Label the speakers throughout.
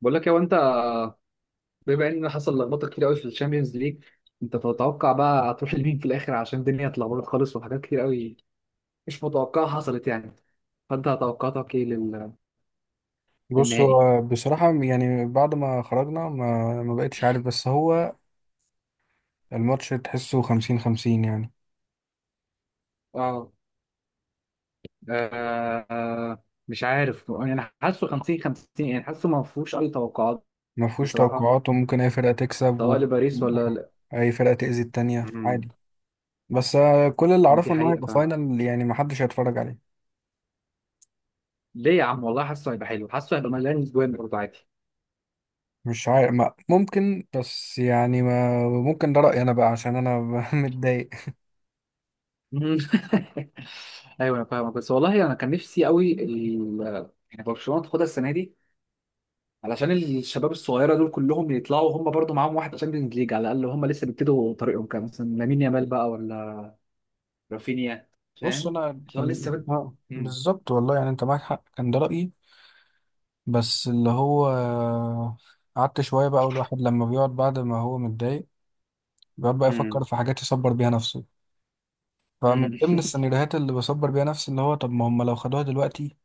Speaker 1: بقول لك يا انت، بما ان حصل لخبطه كتير قوي في الشامبيونز ليج. انت تتوقع بقى هتروح لمين في الاخر؟ عشان الدنيا اتلخبطت خالص وحاجات كتير قوي مش متوقعه حصلت يعني. فانت توقعاتك ايه
Speaker 2: بص
Speaker 1: للنهائي؟
Speaker 2: هو بصراحة يعني بعد ما خرجنا ما بقتش عارف، بس هو الماتش تحسه خمسين خمسين يعني.
Speaker 1: اه مش عارف، يعني حاسه 50 50، يعني حاسه ما فيهوش اي توقعات
Speaker 2: ما فيهوش
Speaker 1: بصراحه،
Speaker 2: توقعات، وممكن أي فرقة تكسب،
Speaker 1: سواء
Speaker 2: وممكن
Speaker 1: لباريس ولا لا.
Speaker 2: أي فرقة تأذي التانية
Speaker 1: مم.
Speaker 2: عادي. بس آه، كل اللي
Speaker 1: دي
Speaker 2: أعرفه إن هو
Speaker 1: حقيقه
Speaker 2: هيبقى
Speaker 1: فعلا.
Speaker 2: فاينل يعني ما حدش هيتفرج عليه.
Speaker 1: ليه يا عم، والله حاسه هيبقى حلو، حاسه هيبقى مليان جوان برضه عادي.
Speaker 2: مش عارف، ما ممكن، بس يعني ما ممكن، ده رأيي أنا بقى عشان أنا متضايق.
Speaker 1: مم. ايوه انا فاهمك، بس والله انا كان نفسي قوي يعني برشلونه تاخدها السنه دي، علشان الشباب الصغيره دول كلهم يطلعوا هم برضو معاهم واحد تشامبيونز ليج على الاقل، هم لسه بيبتدوا طريقهم، كان مثلا لامين يامال بقى ولا رافينيا.
Speaker 2: بص،
Speaker 1: فاهم.
Speaker 2: أنا
Speaker 1: اللي هو لسه
Speaker 2: كان
Speaker 1: بد...
Speaker 2: آه،
Speaker 1: مم.
Speaker 2: بالظبط والله، يعني أنت معاك حق، كان ده رأيي. بس اللي هو قعدت شوية بقى، والواحد لما بيقعد بعد ما هو متضايق بيقعد بقى يفكر
Speaker 1: مم.
Speaker 2: في حاجات يصبر بيها نفسه. فمن
Speaker 1: مم.
Speaker 2: ضمن السيناريوهات اللي بصبر بيها نفسي اللي هو طب ما هم لو خدوها دلوقتي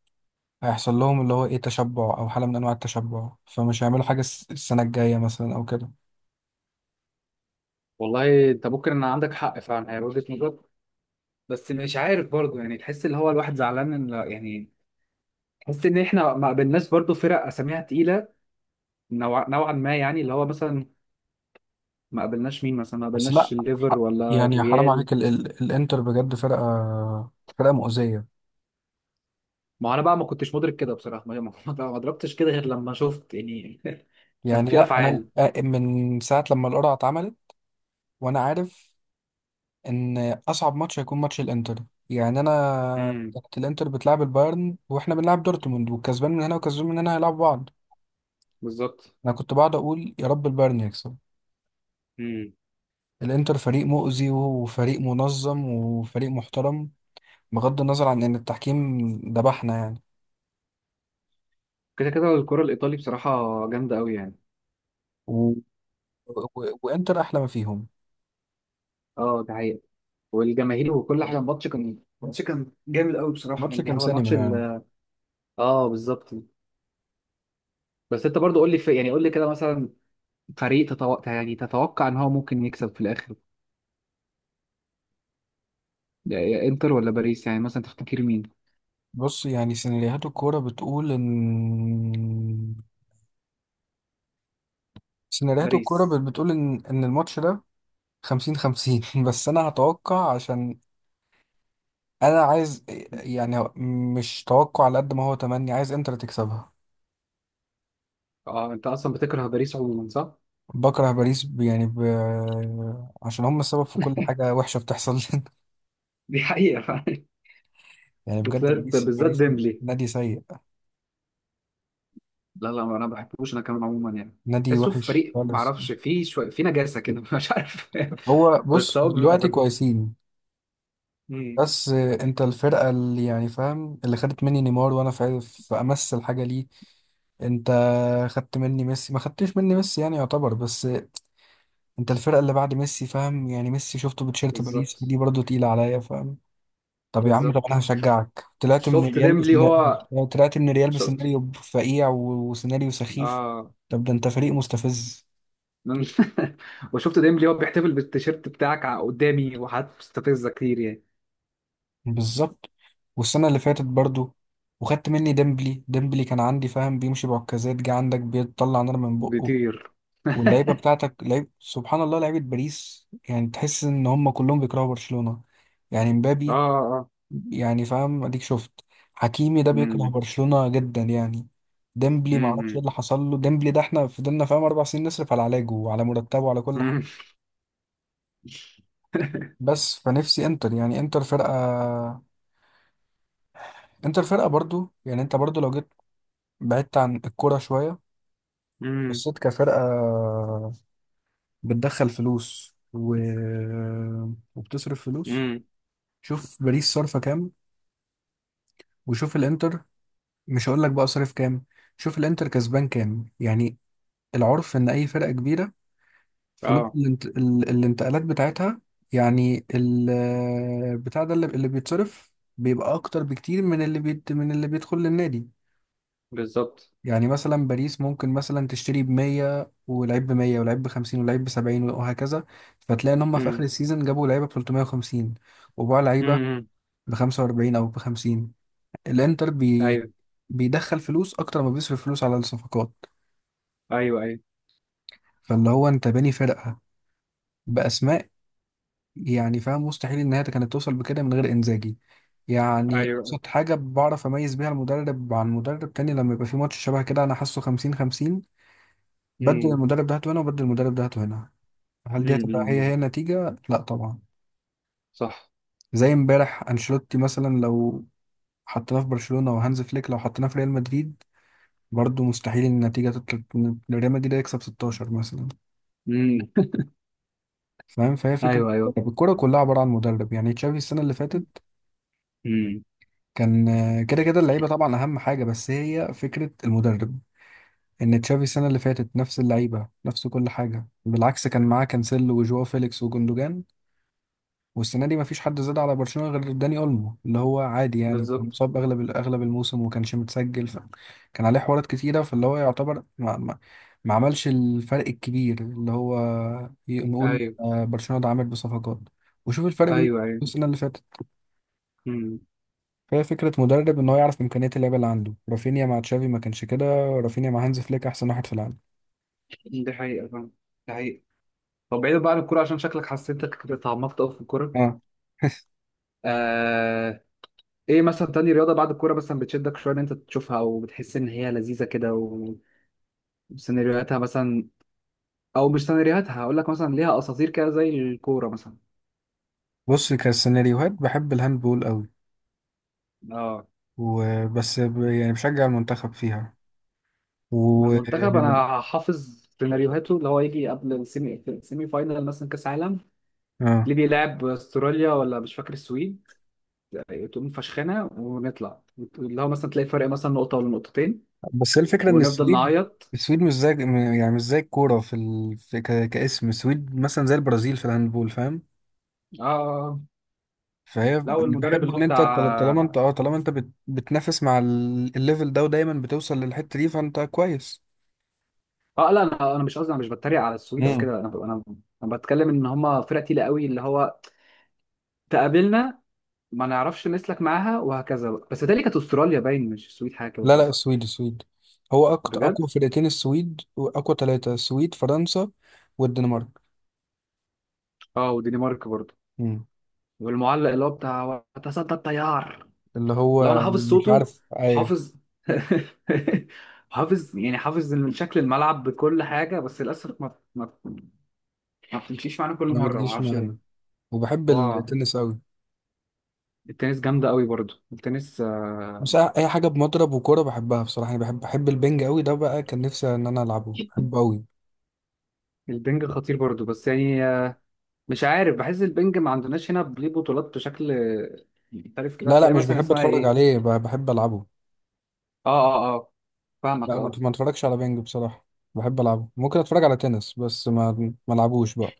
Speaker 2: هيحصل لهم اللي هو ايه، تشبع او حالة من انواع التشبع، فمش هيعملوا حاجة السنة الجاية مثلا او كده.
Speaker 1: والله انت ممكن ان عندك حق فعلا، هي وجهه نظر. بس مش عارف برضو، يعني تحس اللي هو الواحد زعلان ان يعني، تحس ان احنا ما قابلناش برضو فرق اساميها تقيله. نوعا ما، يعني اللي هو مثلا ما قابلناش مين؟ مثلا ما
Speaker 2: بس لا،
Speaker 1: قابلناش الليفر ولا
Speaker 2: يعني حرام
Speaker 1: الريال.
Speaker 2: عليك، ال ال الانتر بجد فرقة، فرقة مؤذية.
Speaker 1: ما هو انا بقى ما كنتش مدرك كده بصراحه، ما ما ضربتش كده غير لما شفت يعني. كان
Speaker 2: يعني
Speaker 1: في
Speaker 2: لا، انا
Speaker 1: افعال.
Speaker 2: من ساعة لما القرعة اتعملت وانا عارف ان اصعب ماتش هيكون ماتش الانتر. يعني انا
Speaker 1: امم.
Speaker 2: كانت الانتر بتلعب البايرن واحنا بنلعب دورتموند، والكسبان من هنا وكسبان من هنا هيلعبوا بعض.
Speaker 1: بالظبط.
Speaker 2: انا كنت بقعد اقول يا رب البايرن يكسب.
Speaker 1: امم.
Speaker 2: الانتر فريق مؤذي وفريق منظم وفريق محترم، بغض النظر عن ان التحكيم ذبحنا يعني.
Speaker 1: كده كده الكره الايطالي بصراحه جامده قوي يعني.
Speaker 2: و... و... وانتر احلى ما فيهم.
Speaker 1: اه ده حقيقي. والجماهير وكل حاجه، الماتش كان جامد قوي بصراحه،
Speaker 2: الماتش
Speaker 1: يعني
Speaker 2: كان
Speaker 1: هو الماتش
Speaker 2: سينما يعني.
Speaker 1: ال-. اه بالظبط. بس انت برضو قول لي يعني قول لي كده، مثلا فريق تتوقع، يعني تتوقع ان هو ممكن يكسب في الاخر؟ يا انتر ولا باريس؟ يعني مثلا تفتكر مين؟
Speaker 2: بص، يعني سيناريوهات الكوره بتقول ان سيناريوهات الكوره
Speaker 1: باريس.
Speaker 2: بتقول ان ان الماتش ده خمسين خمسين بس انا هتوقع عشان انا عايز، يعني مش توقع على قد ما هو تمني، عايز انتر تكسبها.
Speaker 1: اه انت اصلا بتكره باريس عموما، صح؟
Speaker 2: بكره باريس، يعني عشان هم السبب في كل حاجه وحشه بتحصل لنا.
Speaker 1: دي حقيقة فعلا.
Speaker 2: يعني بجد
Speaker 1: بالذات
Speaker 2: باريس،
Speaker 1: بالذات
Speaker 2: باريس
Speaker 1: ديمبلي.
Speaker 2: نادي سيء،
Speaker 1: لا لا، ما انا ما بحبوش انا كمان عموما يعني،
Speaker 2: نادي
Speaker 1: تحسه في
Speaker 2: وحش
Speaker 1: فريق ما
Speaker 2: خالص.
Speaker 1: اعرفش فيه شوية في نجاسة كده، مش عارف.
Speaker 2: هو
Speaker 1: بس
Speaker 2: بص
Speaker 1: هو
Speaker 2: دلوقتي
Speaker 1: بحبه.
Speaker 2: كويسين،
Speaker 1: امم.
Speaker 2: بس انت الفرقه اللي يعني فاهم، اللي خدت مني نيمار وانا في في امس الحاجه ليه. انت خدت مني ميسي، ما خدتش مني ميسي يعني يعتبر، بس انت الفرقه اللي بعد ميسي فاهم. يعني ميسي شفته بتشيرت باريس
Speaker 1: بالظبط.
Speaker 2: دي برضه تقيله عليا فاهم. طب يا عم، طب
Speaker 1: بالظبط
Speaker 2: انا هشجعك،
Speaker 1: شفت ديمبلي هو.
Speaker 2: طلعت من الريال
Speaker 1: شفت.
Speaker 2: بسيناريو فقيع وسيناريو سخيف.
Speaker 1: اه.
Speaker 2: طب ده انت فريق مستفز.
Speaker 1: من- وشفت ديمبلي هو بيحتفل بالتيشيرت بتاعك قدامي وحاجات مستفزة كتير يعني.
Speaker 2: بالظبط. والسنه اللي فاتت برضه وخدت مني ديمبلي. ديمبلي كان عندي فاهم بيمشي بعكازات، جه عندك بيطلع نار من بقه.
Speaker 1: بيطير.
Speaker 2: واللعيبه بتاعتك لعيب سبحان الله، لعيبه باريس يعني تحس ان هم كلهم بيكرهوا برشلونه. يعني
Speaker 1: اه
Speaker 2: مبابي،
Speaker 1: اه.
Speaker 2: يعني فاهم، اديك شفت حكيمي ده بيكره
Speaker 1: امم.
Speaker 2: برشلونة جدا يعني. ديمبلي معرفش ايه
Speaker 1: امم.
Speaker 2: اللي حصل له، ديمبلي ده احنا فضلنا فاهم اربع سنين نصرف على علاجه وعلى مرتبه وعلى كل حاجه. بس فنفسي انتر، يعني انتر فرقه، انتر فرقه برضو. يعني انت برضو لو جيت بعدت عن الكوره شويه،
Speaker 1: امم.
Speaker 2: بصيت كفرقه بتدخل فلوس وبتصرف فلوس.
Speaker 1: امم.
Speaker 2: شوف باريس صرفه كام، وشوف الانتر، مش هقول لك بقى صرف كام، شوف الانتر كسبان كام يعني. العرف ان اي فرقه كبيره فلوس
Speaker 1: اه
Speaker 2: الانتقالات بتاعتها، يعني بتاع ده اللي بيتصرف بيبقى اكتر بكتير من من اللي بيدخل للنادي.
Speaker 1: بالظبط.
Speaker 2: يعني مثلا باريس ممكن مثلا تشتري ب 100 ولعيب ب 100 ولعيب ب 50 ولعيب ب 70 وهكذا، فتلاقي ان هم في اخر
Speaker 1: امم.
Speaker 2: السيزون جابوا لعيبه ب 350 وباعوا لعيبه
Speaker 1: امم.
Speaker 2: ب 45 او ب 50. الانتر بي...
Speaker 1: ايوه.
Speaker 2: بيدخل فلوس اكتر ما بيصرف فلوس على الصفقات.
Speaker 1: ايوه ايوه.
Speaker 2: فاللي هو انت باني فرقه باسماء، يعني فاهم مستحيل ان هي كانت توصل بكده من غير انزاجي. يعني
Speaker 1: ايوه.
Speaker 2: ابسط حاجه بعرف اميز بيها المدرب عن مدرب تاني لما يبقى في ماتش شبه كده انا حاسه 50 50، بدل
Speaker 1: امم.
Speaker 2: المدرب ده هاته هنا، وبدل المدرب ده هاته هنا. هل دي هتبقى هي
Speaker 1: امم
Speaker 2: النتيجه؟ لا طبعا.
Speaker 1: صح.
Speaker 2: زي امبارح انشيلوتي مثلا لو حطيناه في برشلونه، وهانز فليك لو حطيناه في ريال مدريد، برضه مستحيل ان النتيجه تطلع إن ريال مدريد يكسب 16 مثلا.
Speaker 1: امم.
Speaker 2: فاهم، فهي فكره.
Speaker 1: ايوه ايوه.
Speaker 2: الكوره كلها عباره عن مدرب. يعني تشافي السنه اللي فاتت
Speaker 1: امم.
Speaker 2: كان آه، كده كده اللعيبه طبعا اهم حاجه، بس هي فكره المدرب. ان تشافي السنه اللي فاتت نفس اللعيبه نفس كل حاجه، بالعكس كان معاه كانسيلو وجواو فيليكس وجوندوجان، والسنه دي مفيش حد زاد على برشلونه غير داني اولمو اللي هو عادي يعني، كان
Speaker 1: بالظبط.
Speaker 2: مصاب اغلب اغلب الموسم وما كانش متسجل كان عليه حوارات كتيره. فاللي هو يعتبر ما عملش الفرق الكبير اللي هو نقول
Speaker 1: ايوه
Speaker 2: آه، برشلونه ده عامل بصفقات، وشوف الفرق بين
Speaker 1: ايوه. ايوه.
Speaker 2: السنه اللي فاتت.
Speaker 1: امم.
Speaker 2: فهي فكرة مدرب، ان هو يعرف امكانيات اللعيبة اللي عنده. رافينيا مع تشافي ما كانش كده، رافينيا مع هانز فليك احسن واحد في العالم.
Speaker 1: دي حقيقة فعلا. دي حقيقة. طب بعيدا بقى عن الكورة، عشان شكلك حسيتك اتعمقت قوي في الكورة.
Speaker 2: اه
Speaker 1: آه... ايه مثلا تاني رياضة بعد الكورة مثلا بتشدك شوية ان انت تشوفها، او بتحس ان هي لذيذة كده و- وسيناريوهاتها مثلا، او مش سيناريوهاتها، هقول لك مثلا ليها اساطير كده زي الكورة مثلا؟
Speaker 2: بص كسيناريوهات بحب الهاندبول قوي،
Speaker 1: اه
Speaker 2: يعني بشجع المنتخب فيها.
Speaker 1: ما
Speaker 2: و
Speaker 1: المنتخب انا حافظ سيناريوهاته، اللي هو يجي قبل السيمي فاينال مثلا كاس عالم،
Speaker 2: اه
Speaker 1: اللي بيلعب استراليا ولا مش فاكر السويد، تقوم فشخنا ونطلع، اللي هو مثلا تلاقي فرق مثلا نقطه ولا نقطتين،
Speaker 2: بس هي الفكرة ان
Speaker 1: ونفضل
Speaker 2: السويد،
Speaker 1: نعيط.
Speaker 2: السويد مش زي يعني مش زي الكورة في, ال... في ك... كاسم. السويد مثلا زي البرازيل في الهاندبول فاهم.
Speaker 1: اه.
Speaker 2: فهي
Speaker 1: لو
Speaker 2: اللي
Speaker 1: المدرب
Speaker 2: بحبه
Speaker 1: اللي
Speaker 2: ان
Speaker 1: هو
Speaker 2: انت طالما انت
Speaker 1: بتاع.
Speaker 2: اه طالما انت بتنافس مع الليفل ده، ودايما بتوصل للحتة دي، فانت كويس.
Speaker 1: اه لا، انا مش قصدي، انا مش بتريق على السويد او كده، انا انا بتكلم ان هم فرقه تقيله قوي اللي هو تقابلنا، ما نعرفش نسلك معاها وهكذا بقى. بس تالي كانت استراليا باين، مش السويد حاجه كده،
Speaker 2: لا
Speaker 1: صح؟
Speaker 2: لا، السويد السويد هو أقوى
Speaker 1: بجد.
Speaker 2: أقوى فرقتين، السويد وأقوى ثلاثة السويد فرنسا والدنمارك.
Speaker 1: اه والدنمارك برضه.
Speaker 2: مم.
Speaker 1: والمعلق اللي هو بتاع وتصدى التيار،
Speaker 2: اللي
Speaker 1: لو انا
Speaker 2: هو
Speaker 1: حافظ
Speaker 2: مش
Speaker 1: صوته،
Speaker 2: عارف، أيوة.
Speaker 1: حافظ، حافظ يعني، حافظ من شكل الملعب بكل حاجه، بس للاسف ما ما بتمشيش معانا كل
Speaker 2: ما
Speaker 1: مره ما
Speaker 2: بتجيش
Speaker 1: اعرفش ليه.
Speaker 2: معانا. وبحب
Speaker 1: هو
Speaker 2: التنس أوي.
Speaker 1: التنس جامده قوي برضو، التنس
Speaker 2: بس
Speaker 1: آه،.
Speaker 2: أي حاجة بمضرب وكورة بحبها بصراحة، يعني بحب البنج أوي، ده بقى كان نفسي إن أنا ألعبه، بحبه أوي.
Speaker 1: البنج خطير برضو، بس يعني آه، مش عارف، بحس البنج ما عندناش هنا ليه بطولات بشكل محترف كده،
Speaker 2: لا لا،
Speaker 1: هتلاقي
Speaker 2: مش
Speaker 1: مثلا
Speaker 2: بحب
Speaker 1: اسمها
Speaker 2: أتفرج
Speaker 1: ايه.
Speaker 2: عليه، بحب ألعبه.
Speaker 1: اه اه. اه فاهمك.
Speaker 2: لا، ما
Speaker 1: اه.
Speaker 2: ما أتفرجش على بنج بصراحة، بحب ألعبه. ممكن أتفرج على تنس بس ما ألعبوش بقى.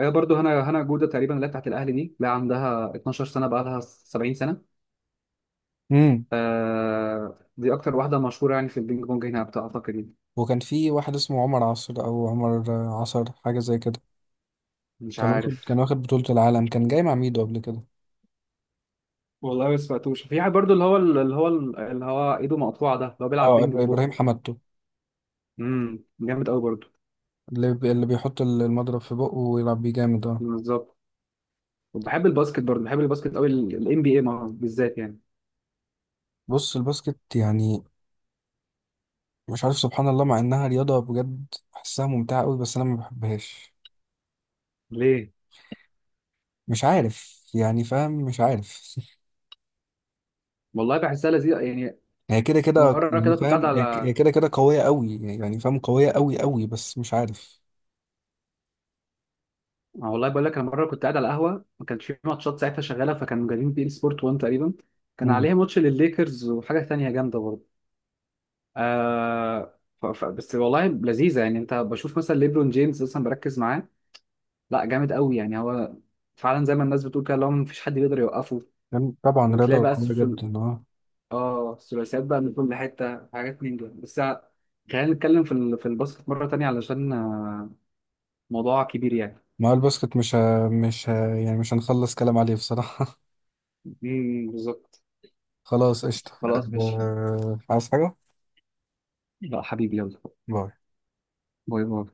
Speaker 1: هي برضو هنا هنا جوده تقريبا، اللي هي بتاعت الاهلي دي، لا عندها 12 سنه بقى، لها 70 سنه.
Speaker 2: مم.
Speaker 1: آه دي اكتر واحده مشهوره يعني في البينج بونج هنا اعتقد يعني.
Speaker 2: وكان في واحد اسمه عمر عصر أو عمر عصر حاجة زي كده،
Speaker 1: مش
Speaker 2: كان واخد كان
Speaker 1: عارف.
Speaker 2: واخد بطولة العالم، كان جاي مع ميدو قبل كده.
Speaker 1: والله ما سمعتوش. في واحد برضو اللي هو ايده مقطوعه، ده اللي هو بيلعب
Speaker 2: اه
Speaker 1: بينج
Speaker 2: ابراهيم
Speaker 1: ببقه.
Speaker 2: حمدتو،
Speaker 1: جامد قوي برضو.
Speaker 2: اللي بيحط المضرب في بقه ويلعب بيه، جامد اه.
Speaker 1: بالظبط. وبحب الباسكت برضو، بحب الباسكت قوي، الام بي اي بالذات يعني.
Speaker 2: بص الباسكت يعني مش عارف، سبحان الله مع انها رياضة بجد بحسها ممتعة قوي، بس انا ما بحبهاش.
Speaker 1: ليه؟
Speaker 2: مش عارف يعني فاهم، مش عارف
Speaker 1: والله بحسها لذيذه يعني.
Speaker 2: هي كده كده
Speaker 1: مره
Speaker 2: يعني
Speaker 1: كده كنت قاعد
Speaker 2: فاهم، هي
Speaker 1: على
Speaker 2: كده كده قوية قوي، يعني فاهم قوية قوي قوي، بس مش عارف.
Speaker 1: آه، والله بقول لك انا مره كنت قاعد على قهوه ما كانش في ماتشات ساعتها شغاله، فكانوا جايبين بي ان سبورت 1 تقريبا، كان
Speaker 2: مم.
Speaker 1: عليها ماتش للليكرز وحاجه ثانيه جامده برضو. آه بس والله لذيذه يعني، انت بشوف مثلا ليبرون جيمس اصلا بركز معاه. لا جامد قوي يعني هو، فعلا زي ما الناس بتقول كده، اللي هو مفيش حد بيقدر يوقفه.
Speaker 2: يعني طبعا
Speaker 1: وتلاقي
Speaker 2: رياضة
Speaker 1: بقى
Speaker 2: قوية
Speaker 1: السلسل...
Speaker 2: جدا اه.
Speaker 1: اه الثلاثيات بقى من كل حته حاجات، من دول بس خلينا نتكلم في الباسكت مره تانية علشان آه، موضوع كبير يعني.
Speaker 2: ما هو الباسكت مش ه... مش ه... يعني مش هنخلص كلام عليه بصراحة
Speaker 1: مم، بالظبط.
Speaker 2: خلاص قشطة،
Speaker 1: خلاص ماشي.
Speaker 2: أه عايز حاجة؟
Speaker 1: لا حبيبي يلا.
Speaker 2: باي.
Speaker 1: باي باي.